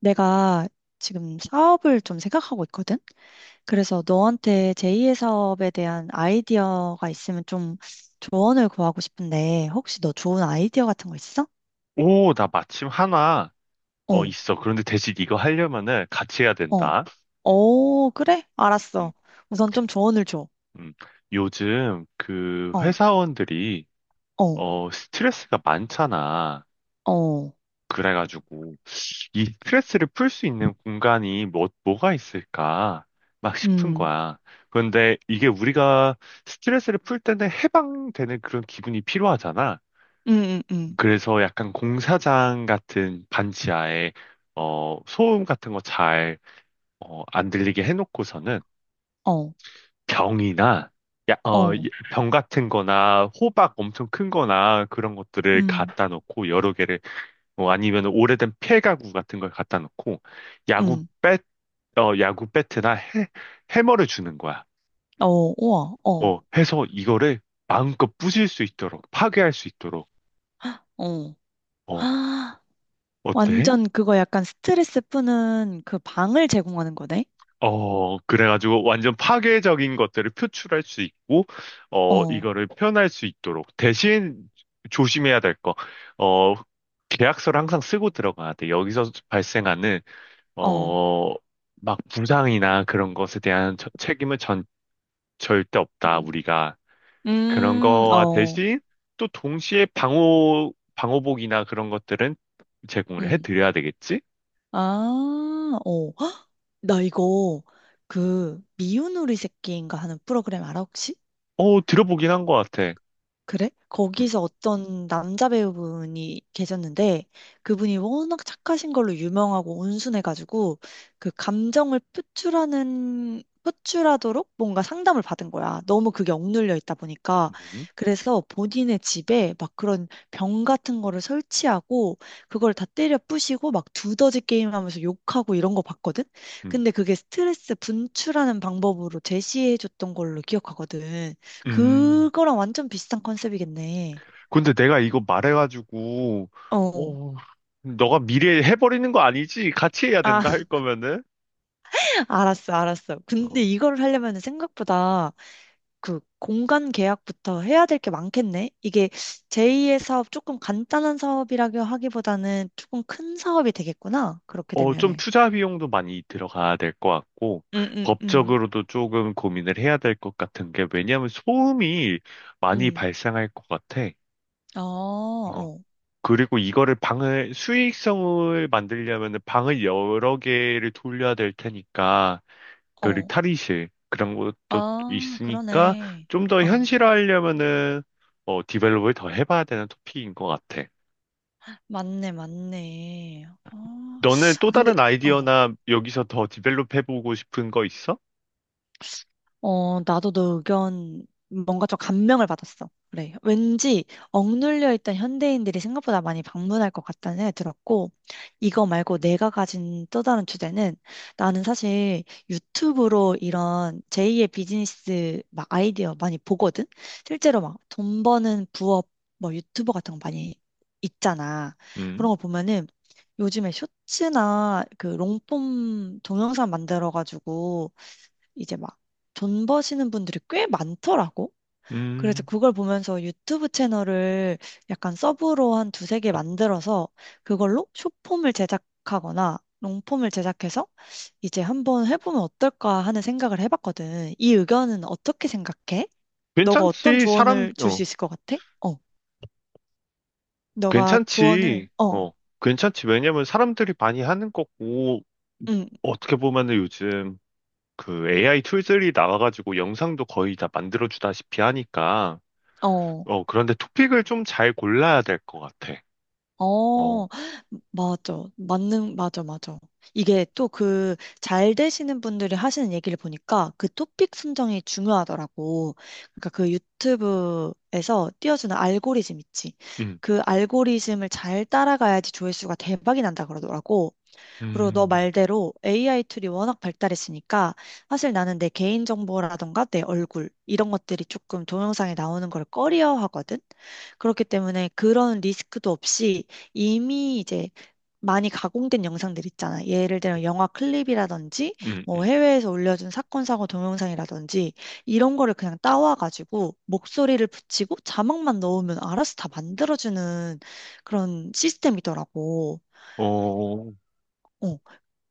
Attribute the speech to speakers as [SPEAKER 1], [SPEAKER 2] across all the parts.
[SPEAKER 1] 내가 지금 사업을 좀 생각하고 있거든? 그래서 너한테 제2의 사업에 대한 아이디어가 있으면 좀 조언을 구하고 싶은데, 혹시 너 좋은 아이디어 같은 거 있어?
[SPEAKER 2] 오, 나 마침 하나,
[SPEAKER 1] 어,
[SPEAKER 2] 있어. 그런데 대신 이거 하려면은 같이 해야
[SPEAKER 1] 어,
[SPEAKER 2] 된다.
[SPEAKER 1] 어, 그래?
[SPEAKER 2] 음,
[SPEAKER 1] 알았어. 우선 좀 조언을 줘.
[SPEAKER 2] 음. 요즘 그
[SPEAKER 1] 어,
[SPEAKER 2] 회사원들이,
[SPEAKER 1] 어,
[SPEAKER 2] 스트레스가 많잖아.
[SPEAKER 1] 어,
[SPEAKER 2] 그래가지고, 이 스트레스를 풀 수 있는 공간이 뭐가 있을까? 막 싶은
[SPEAKER 1] 음,
[SPEAKER 2] 거야. 그런데 이게 우리가 스트레스를 풀 때는 해방되는 그런 기분이 필요하잖아.
[SPEAKER 1] 음, 음, 음,
[SPEAKER 2] 그래서 약간 공사장 같은 반지하에, 소음 같은 거잘 안 들리게 해놓고서는
[SPEAKER 1] 어,
[SPEAKER 2] 병이나
[SPEAKER 1] 어,
[SPEAKER 2] 병 같은 거나 호박 엄청 큰 거나 그런 것들을
[SPEAKER 1] 음,
[SPEAKER 2] 갖다 놓고 여러 개를 뭐 아니면 오래된 폐가구 같은 걸 갖다 놓고 야구
[SPEAKER 1] 음,
[SPEAKER 2] 배, 야구 배트나 해머를 주는 거야.
[SPEAKER 1] 어, 우와, 어,
[SPEAKER 2] 해서 이거를 마음껏 부술 수 있도록 파괴할 수 있도록
[SPEAKER 1] 어.
[SPEAKER 2] 어,
[SPEAKER 1] 아,
[SPEAKER 2] 어때?
[SPEAKER 1] 완전 그거 약간 스트레스 푸는 그 방을 제공하는 거네?
[SPEAKER 2] 그래가지고 완전 파괴적인 것들을 표출할 수 있고,
[SPEAKER 1] 어.
[SPEAKER 2] 이거를 표현할 수 있도록. 대신 조심해야 될 거. 어, 계약서를 항상 쓰고 들어가야 돼. 여기서 발생하는,
[SPEAKER 1] 어,
[SPEAKER 2] 어, 막 부상이나 그런 것에 대한 책임은 절대 없다,
[SPEAKER 1] 음,
[SPEAKER 2] 우리가. 그런 거와
[SPEAKER 1] 어,
[SPEAKER 2] 대신 또 동시에 방호복이나 그런 것들은 제공을
[SPEAKER 1] 음,
[SPEAKER 2] 해드려야 되겠지?
[SPEAKER 1] 아, 어, 헉! 나 이거 그 미운 우리 새끼인가 하는 프로그램 알아 혹시?
[SPEAKER 2] 들어보긴 한 것 같아.
[SPEAKER 1] 그래?
[SPEAKER 2] 음,
[SPEAKER 1] 거기서 어떤 남자 배우분이 계셨는데 그분이 워낙 착하신 걸로 유명하고 온순해가지고 그 감정을 표출하는 표출하도록 뭔가 상담을 받은 거야. 너무 그게 억눌려 있다 보니까
[SPEAKER 2] 음,
[SPEAKER 1] 그래서 본인의 집에 막 그런 병 같은 거를 설치하고 그걸 다 때려 부시고 막 두더지 게임하면서 욕하고 이런 거 봤거든.
[SPEAKER 2] 음.
[SPEAKER 1] 근데 그게 스트레스 분출하는 방법으로 제시해 줬던 걸로 기억하거든.
[SPEAKER 2] 음.
[SPEAKER 1] 그거랑 완전 비슷한 컨셉이겠네.
[SPEAKER 2] 근데 내가 이거 말해가지고,
[SPEAKER 1] 어.
[SPEAKER 2] 어, 너가 미리 해버리는 거 아니지? 같이 해야
[SPEAKER 1] 아,
[SPEAKER 2] 된다 할 거면은,
[SPEAKER 1] 알았어, 알았어. 근데
[SPEAKER 2] 어,
[SPEAKER 1] 이거를 하려면 생각보다 그 공간 계약부터 해야 될 게 많겠네. 이게 제2의 사업, 조금 간단한 사업이라고 하기보다는 조금 큰 사업이 되겠구나. 그렇게
[SPEAKER 2] 좀
[SPEAKER 1] 되면은.
[SPEAKER 2] 투자 비용도 많이 들어가야 될 것 같고,
[SPEAKER 1] 응, 응, 응.
[SPEAKER 2] 법적으로도 조금 고민을 해야 될 것 같은 게, 왜냐하면 소음이 많이
[SPEAKER 1] 음.
[SPEAKER 2] 발생할 것 같아.
[SPEAKER 1] 어, 어,
[SPEAKER 2] 그리고 이거를 방을 수익성을 만들려면 방을 여러 개를 돌려야 될 테니까 그리고
[SPEAKER 1] 어.
[SPEAKER 2] 탈의실 그런 것도
[SPEAKER 1] 아,
[SPEAKER 2] 있으니까
[SPEAKER 1] 그러네.
[SPEAKER 2] 좀 더
[SPEAKER 1] 어.
[SPEAKER 2] 현실화하려면은 디벨롭을 더 해봐야 되는 토픽인 것 같아.
[SPEAKER 1] 맞네, 맞네. 어.
[SPEAKER 2] 너는 또
[SPEAKER 1] 아, 근데,
[SPEAKER 2] 다른
[SPEAKER 1] 어.
[SPEAKER 2] 아이디어나 여기서 더 디벨롭 해보고 싶은 거 있어?
[SPEAKER 1] 어, 나도 너 의견 뭔가 좀 감명을 받았어. 그래. 왠지 억눌려 있던 현대인들이 생각보다 많이 방문할 것 같다는 생각이 들었고, 이거 말고 내가 가진 또 다른 주제는 나는 사실 유튜브로 이런 제2의 비즈니스 막 아이디어 많이 보거든? 실제로 막 돈 버는 부업 뭐 유튜버 같은 거 많이 있잖아.
[SPEAKER 2] 음,
[SPEAKER 1] 그런 거 보면은 요즘에 쇼츠나 그 롱폼 동영상 만들어가지고 이제 막 돈 버시는 분들이 꽤 많더라고. 그래서
[SPEAKER 2] 음,
[SPEAKER 1] 그걸 보면서 유튜브 채널을 약간 서브로 한 두세 개 만들어서 그걸로 숏폼을 제작하거나 롱폼을 제작해서 이제 한번 해보면 어떨까 하는 생각을 해봤거든. 이 의견은 어떻게 생각해? 너가 어떤
[SPEAKER 2] 괜찮지.
[SPEAKER 1] 조언을 줄 수 있을 것 같아? 어, 너가 조언을,
[SPEAKER 2] 괜찮지.
[SPEAKER 1] 어,
[SPEAKER 2] 괜찮지. 왜냐면 사람들이 많이 하는 거고,
[SPEAKER 1] 응,
[SPEAKER 2] 어떻게 보면은 요즘 그 AI 툴들이 나와가지고 영상도 거의 다 만들어주다시피 하니까,
[SPEAKER 1] 어.
[SPEAKER 2] 그런데 토픽을 좀 잘 골라야 될 것 같아. 어,
[SPEAKER 1] 어, 맞아. 맞아, 맞아. 이게 또 그 잘 되시는 분들이 하시는 얘기를 보니까 그 토픽 선정이 중요하더라고. 그러니까 그 유튜브에서 띄워주는 알고리즘 있지.
[SPEAKER 2] 음,
[SPEAKER 1] 그 알고리즘을 잘 따라가야지 조회수가 대박이 난다 그러더라고. 그리고 너
[SPEAKER 2] 음,
[SPEAKER 1] 말대로 AI 툴이 워낙 발달했으니까 사실 나는 내 개인정보라던가 내 얼굴 이런 것들이 조금 동영상에 나오는 걸 꺼려하거든. 그렇기 때문에 그런 리스크도 없이 이미 이제 많이 가공된 영상들 있잖아. 예를 들면 영화 클립이라든지
[SPEAKER 2] 음,
[SPEAKER 1] 뭐
[SPEAKER 2] 음.
[SPEAKER 1] 해외에서 올려준 사건 사고 동영상이라든지 이런 거를 그냥 따와가지고 목소리를 붙이고 자막만 넣으면 알아서 다 만들어주는 그런 시스템이더라고.
[SPEAKER 2] 어,
[SPEAKER 1] 어,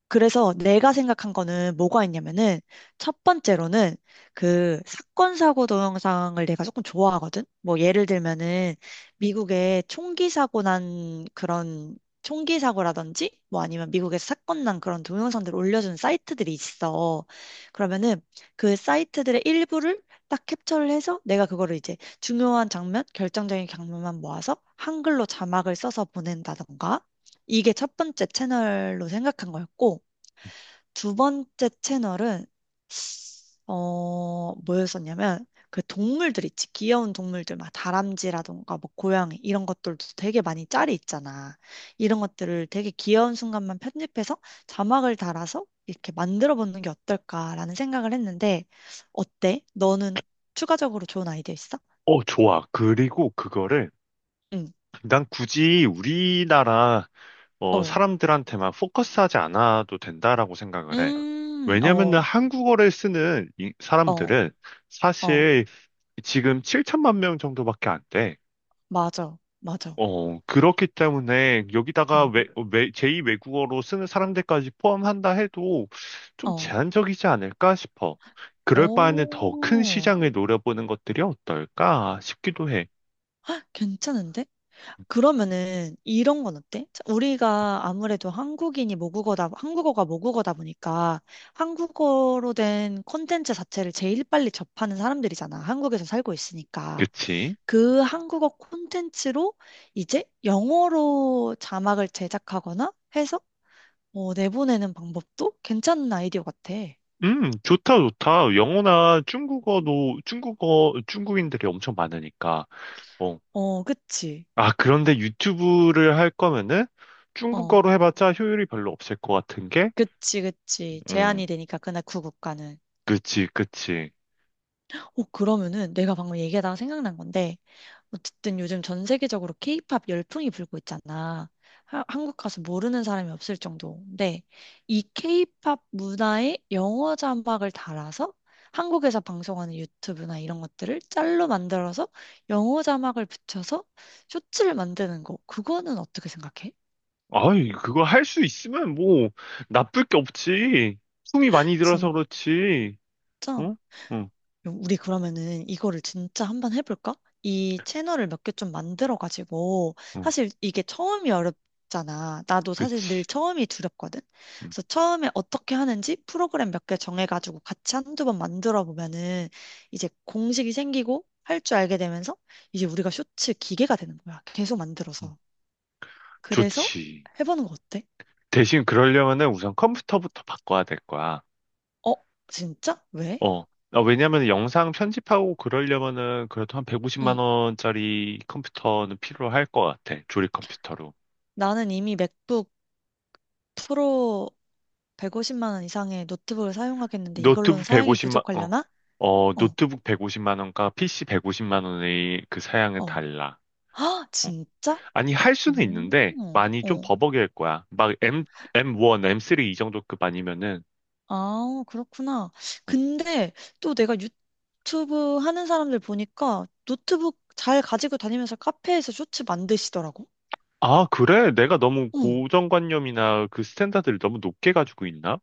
[SPEAKER 1] 그래서 내가 생각한 거는 뭐가 있냐면은 첫 번째로는 그 사건 사고 동영상을 내가 조금 좋아하거든. 뭐 예를 들면은 미국에 총기 사고 난 그런 총기 사고라든지 뭐 아니면 미국에서 사건 난 그런 동영상들을 올려주는 사이트들이 있어. 그러면은 그 사이트들의 일부를 딱 캡처를 해서 내가 그거를 이제 중요한 장면, 결정적인 장면만 모아서 한글로 자막을 써서 보낸다던가. 이게 첫 번째 채널로 생각한 거였고, 두 번째 채널은 뭐였었냐면, 그 동물들 있지. 귀여운 동물들, 막 다람쥐라던가, 뭐 고양이, 이런 것들도 되게 많이 짤이 있잖아. 이런 것들을 되게 귀여운 순간만 편집해서 자막을 달아서 이렇게 만들어 보는 게 어떨까라는 생각을 했는데, 어때? 너는 추가적으로 좋은 아이디어 있어?
[SPEAKER 2] 좋아. 그리고 그거를,
[SPEAKER 1] 응,
[SPEAKER 2] 난 굳이 우리나라
[SPEAKER 1] 어.
[SPEAKER 2] 사람들한테만 포커스하지 않아도 된다라고 생각을 해. 왜냐면은
[SPEAKER 1] 어,
[SPEAKER 2] 한국어를 쓰는 이
[SPEAKER 1] 어,
[SPEAKER 2] 사람들은
[SPEAKER 1] 어.
[SPEAKER 2] 사실 지금 7천만 명 정도밖에 안 돼.
[SPEAKER 1] 맞아, 맞아.
[SPEAKER 2] 그렇기 때문에 여기다가
[SPEAKER 1] 음,
[SPEAKER 2] 제2 외국어로 쓰는 사람들까지 포함한다 해도 좀
[SPEAKER 1] 어.
[SPEAKER 2] 제한적이지 않을까 싶어. 그럴 바에는 더 큰
[SPEAKER 1] 오,
[SPEAKER 2] 시장을 노려보는 것들이 어떨까 싶기도 해.
[SPEAKER 1] 괜찮은데? 그러면은 이런 건 어때? 자, 우리가 아무래도 한국인이 모국어다, 한국어가 모국어다 보니까 한국어로 된 콘텐츠 자체를 제일 빨리 접하는 사람들이잖아. 한국에서 살고 있으니까.
[SPEAKER 2] 그치?
[SPEAKER 1] 그 한국어 콘텐츠로 이제 영어로 자막을 제작하거나 해서 어, 내보내는 방법도 괜찮은 아이디어 같아.
[SPEAKER 2] 좋다, 좋다. 영어나 중국어도, 중국인들이 엄청 많으니까. 어.
[SPEAKER 1] 어, 그치.
[SPEAKER 2] 아, 그런데 유튜브를 할 거면은
[SPEAKER 1] 어,
[SPEAKER 2] 중국어로 해봤자 효율이 별로 없을 것 같은 게,
[SPEAKER 1] 그치, 그치.
[SPEAKER 2] 음,
[SPEAKER 1] 제한이 되니까 그날 그 국가는.
[SPEAKER 2] 그치, 그치.
[SPEAKER 1] 어, 그러면은 내가 방금 얘기하다가 생각난 건데 어쨌든 요즘 전 세계적으로 케이팝 열풍이 불고 있잖아. 한국 가서 모르는 사람이 없을 정도인데, 이 케이팝 문화에 영어 자막을 달아서 한국에서 방송하는 유튜브나 이런 것들을 짤로 만들어서 영어 자막을 붙여서 쇼츠를 만드는 거, 그거는 어떻게 생각해?
[SPEAKER 2] 아이, 그거 할 수 있으면 뭐, 나쁠 게 없지. 숨이 많이 들어서
[SPEAKER 1] 진짜?
[SPEAKER 2] 그렇지. 응? 응,
[SPEAKER 1] 우리 그러면은 이거를 진짜 한번 해볼까? 이 채널을 몇 개 좀 만들어가지고,
[SPEAKER 2] 응,
[SPEAKER 1] 사실 이게 처음이 어렵잖아. 나도 사실 늘
[SPEAKER 2] 그치.
[SPEAKER 1] 처음이 두렵거든?
[SPEAKER 2] 응,
[SPEAKER 1] 그래서 처음에 어떻게 하는지 프로그램 몇 개 정해가지고 같이 한두 번 만들어 보면은 이제 공식이 생기고 할 줄 알게 되면서 이제 우리가 쇼츠 기계가 되는 거야. 계속
[SPEAKER 2] 응.
[SPEAKER 1] 만들어서. 그래서
[SPEAKER 2] 좋지.
[SPEAKER 1] 해보는 거 어때?
[SPEAKER 2] 대신 그러려면은 우선 컴퓨터부터 바꿔야 될 거야.
[SPEAKER 1] 어? 진짜? 왜?
[SPEAKER 2] 어. 아, 왜냐면 영상 편집하고 그러려면은 그래도 한 150만
[SPEAKER 1] 응.
[SPEAKER 2] 원짜리 컴퓨터는 필요할 것 같아. 조립 컴퓨터로.
[SPEAKER 1] 나는 이미 맥북 프로 150만 원 이상의 노트북을 사용하겠는데 이걸로는
[SPEAKER 2] 노트북
[SPEAKER 1] 사양이
[SPEAKER 2] 150만, 어,
[SPEAKER 1] 부족하려나?
[SPEAKER 2] 어,
[SPEAKER 1] 어,
[SPEAKER 2] 노트북 150만 원과 PC 150만 원의 그 사양은
[SPEAKER 1] 어.
[SPEAKER 2] 달라.
[SPEAKER 1] 아,
[SPEAKER 2] 어.
[SPEAKER 1] 진짜?
[SPEAKER 2] 아니, 할 수는 있는데
[SPEAKER 1] 오,
[SPEAKER 2] 많이 좀
[SPEAKER 1] 어.
[SPEAKER 2] 버벅일 거야. M1, M3 이 정도급 아니면은
[SPEAKER 1] 아, 그렇구나.
[SPEAKER 2] 어.
[SPEAKER 1] 근데 또 내가 유튜브 하는 사람들 보니까 노트북 잘 가지고 다니면서 카페에서 쇼츠 만드시더라고.
[SPEAKER 2] 아, 그래? 내가 너무
[SPEAKER 1] 응.
[SPEAKER 2] 고정관념이나 그 스탠다드를 너무 높게 가지고 있나?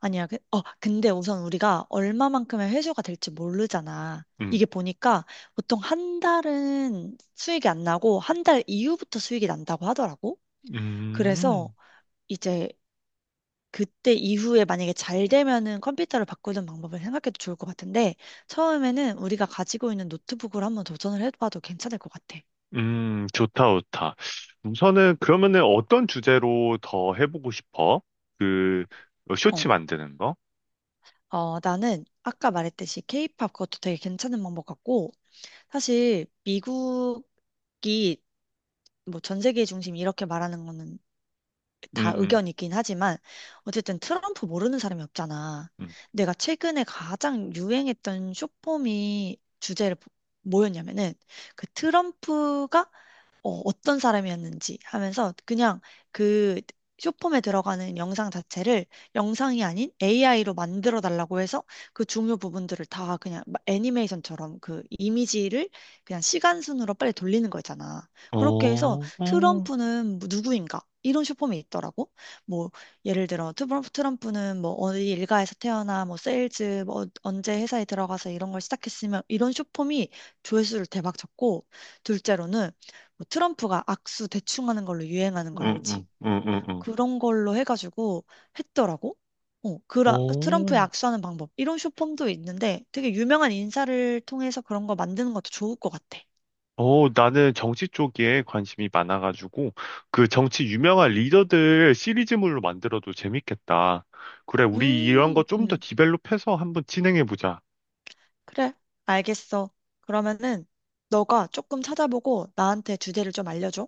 [SPEAKER 1] 아니야. 근데 우선 우리가 얼마만큼의 회수가 될지 모르잖아.
[SPEAKER 2] 음.
[SPEAKER 1] 이게 보니까 보통 한 달은 수익이 안 나고 한 달 이후부터 수익이 난다고 하더라고. 그래서
[SPEAKER 2] 음.
[SPEAKER 1] 이제 그때 이후에 만약에 잘 되면은 컴퓨터를 바꾸는 방법을 생각해도 좋을 것 같은데, 처음에는 우리가 가지고 있는 노트북으로 한번 도전을 해봐도 괜찮을 것 같아.
[SPEAKER 2] 좋다, 좋다. 우선은 그러면은 어떤 주제로 더 해보고 싶어? 그 뭐
[SPEAKER 1] 어,
[SPEAKER 2] 쇼츠 만드는 거?
[SPEAKER 1] 어, 나는 아까 말했듯이 케이팝 그것도 되게 괜찮은 방법 같고, 사실 미국이 뭐 전 세계 중심 이렇게 말하는 거는
[SPEAKER 2] 음,
[SPEAKER 1] 다
[SPEAKER 2] 음,
[SPEAKER 1] 의견이긴 하지만, 어쨌든 트럼프 모르는 사람이 없잖아.
[SPEAKER 2] 음.
[SPEAKER 1] 내가 최근에 가장 유행했던 쇼폼이 주제를 뭐였냐면은 그 트럼프가 어, 어떤 사람이었는지 하면서 그냥 그 쇼폼에 들어가는 영상 자체를 영상이 아닌 AI로 만들어 달라고 해서 그 중요 부분들을 다 그냥 애니메이션처럼 그 이미지를 그냥 시간 순으로 빨리 돌리는 거 있잖아.
[SPEAKER 2] 어,
[SPEAKER 1] 그렇게 해서
[SPEAKER 2] 어,
[SPEAKER 1] 트럼프는 뭐 누구인가? 이런 쇼폼이 있더라고. 뭐 예를 들어 트럼프는 뭐 어디 일가에서 태어나 뭐 세일즈 뭐 언제 회사에 들어가서 이런 걸 시작했으면 이런 쇼폼이 조회수를 대박 쳤고 둘째로는 뭐 트럼프가 악수 대충 하는 걸로 유행하는
[SPEAKER 2] 음,
[SPEAKER 1] 거 알지?
[SPEAKER 2] 음, 음, 음, 음.
[SPEAKER 1] 그런 걸로 해가지고 했더라고. 트럼프의
[SPEAKER 2] 어,
[SPEAKER 1] 악수하는 방법. 이런 쇼폼도 있는데 되게 유명한 인사를 통해서 그런 거 만드는 것도 좋을 것 같아.
[SPEAKER 2] 나는 정치 쪽에 관심이 많아가지고 그 정치 유명한 리더들 시리즈물로 만들어도 재밌겠다. 그래, 우리 이런 거
[SPEAKER 1] 음,
[SPEAKER 2] 좀 더
[SPEAKER 1] 음,
[SPEAKER 2] 디벨롭해서 한번 진행해보자.
[SPEAKER 1] 그래. 알겠어. 그러면은 너가 조금 찾아보고 나한테 주제를 좀 알려줘.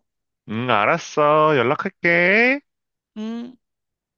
[SPEAKER 2] 응, 알았어. 연락할게.
[SPEAKER 1] 음.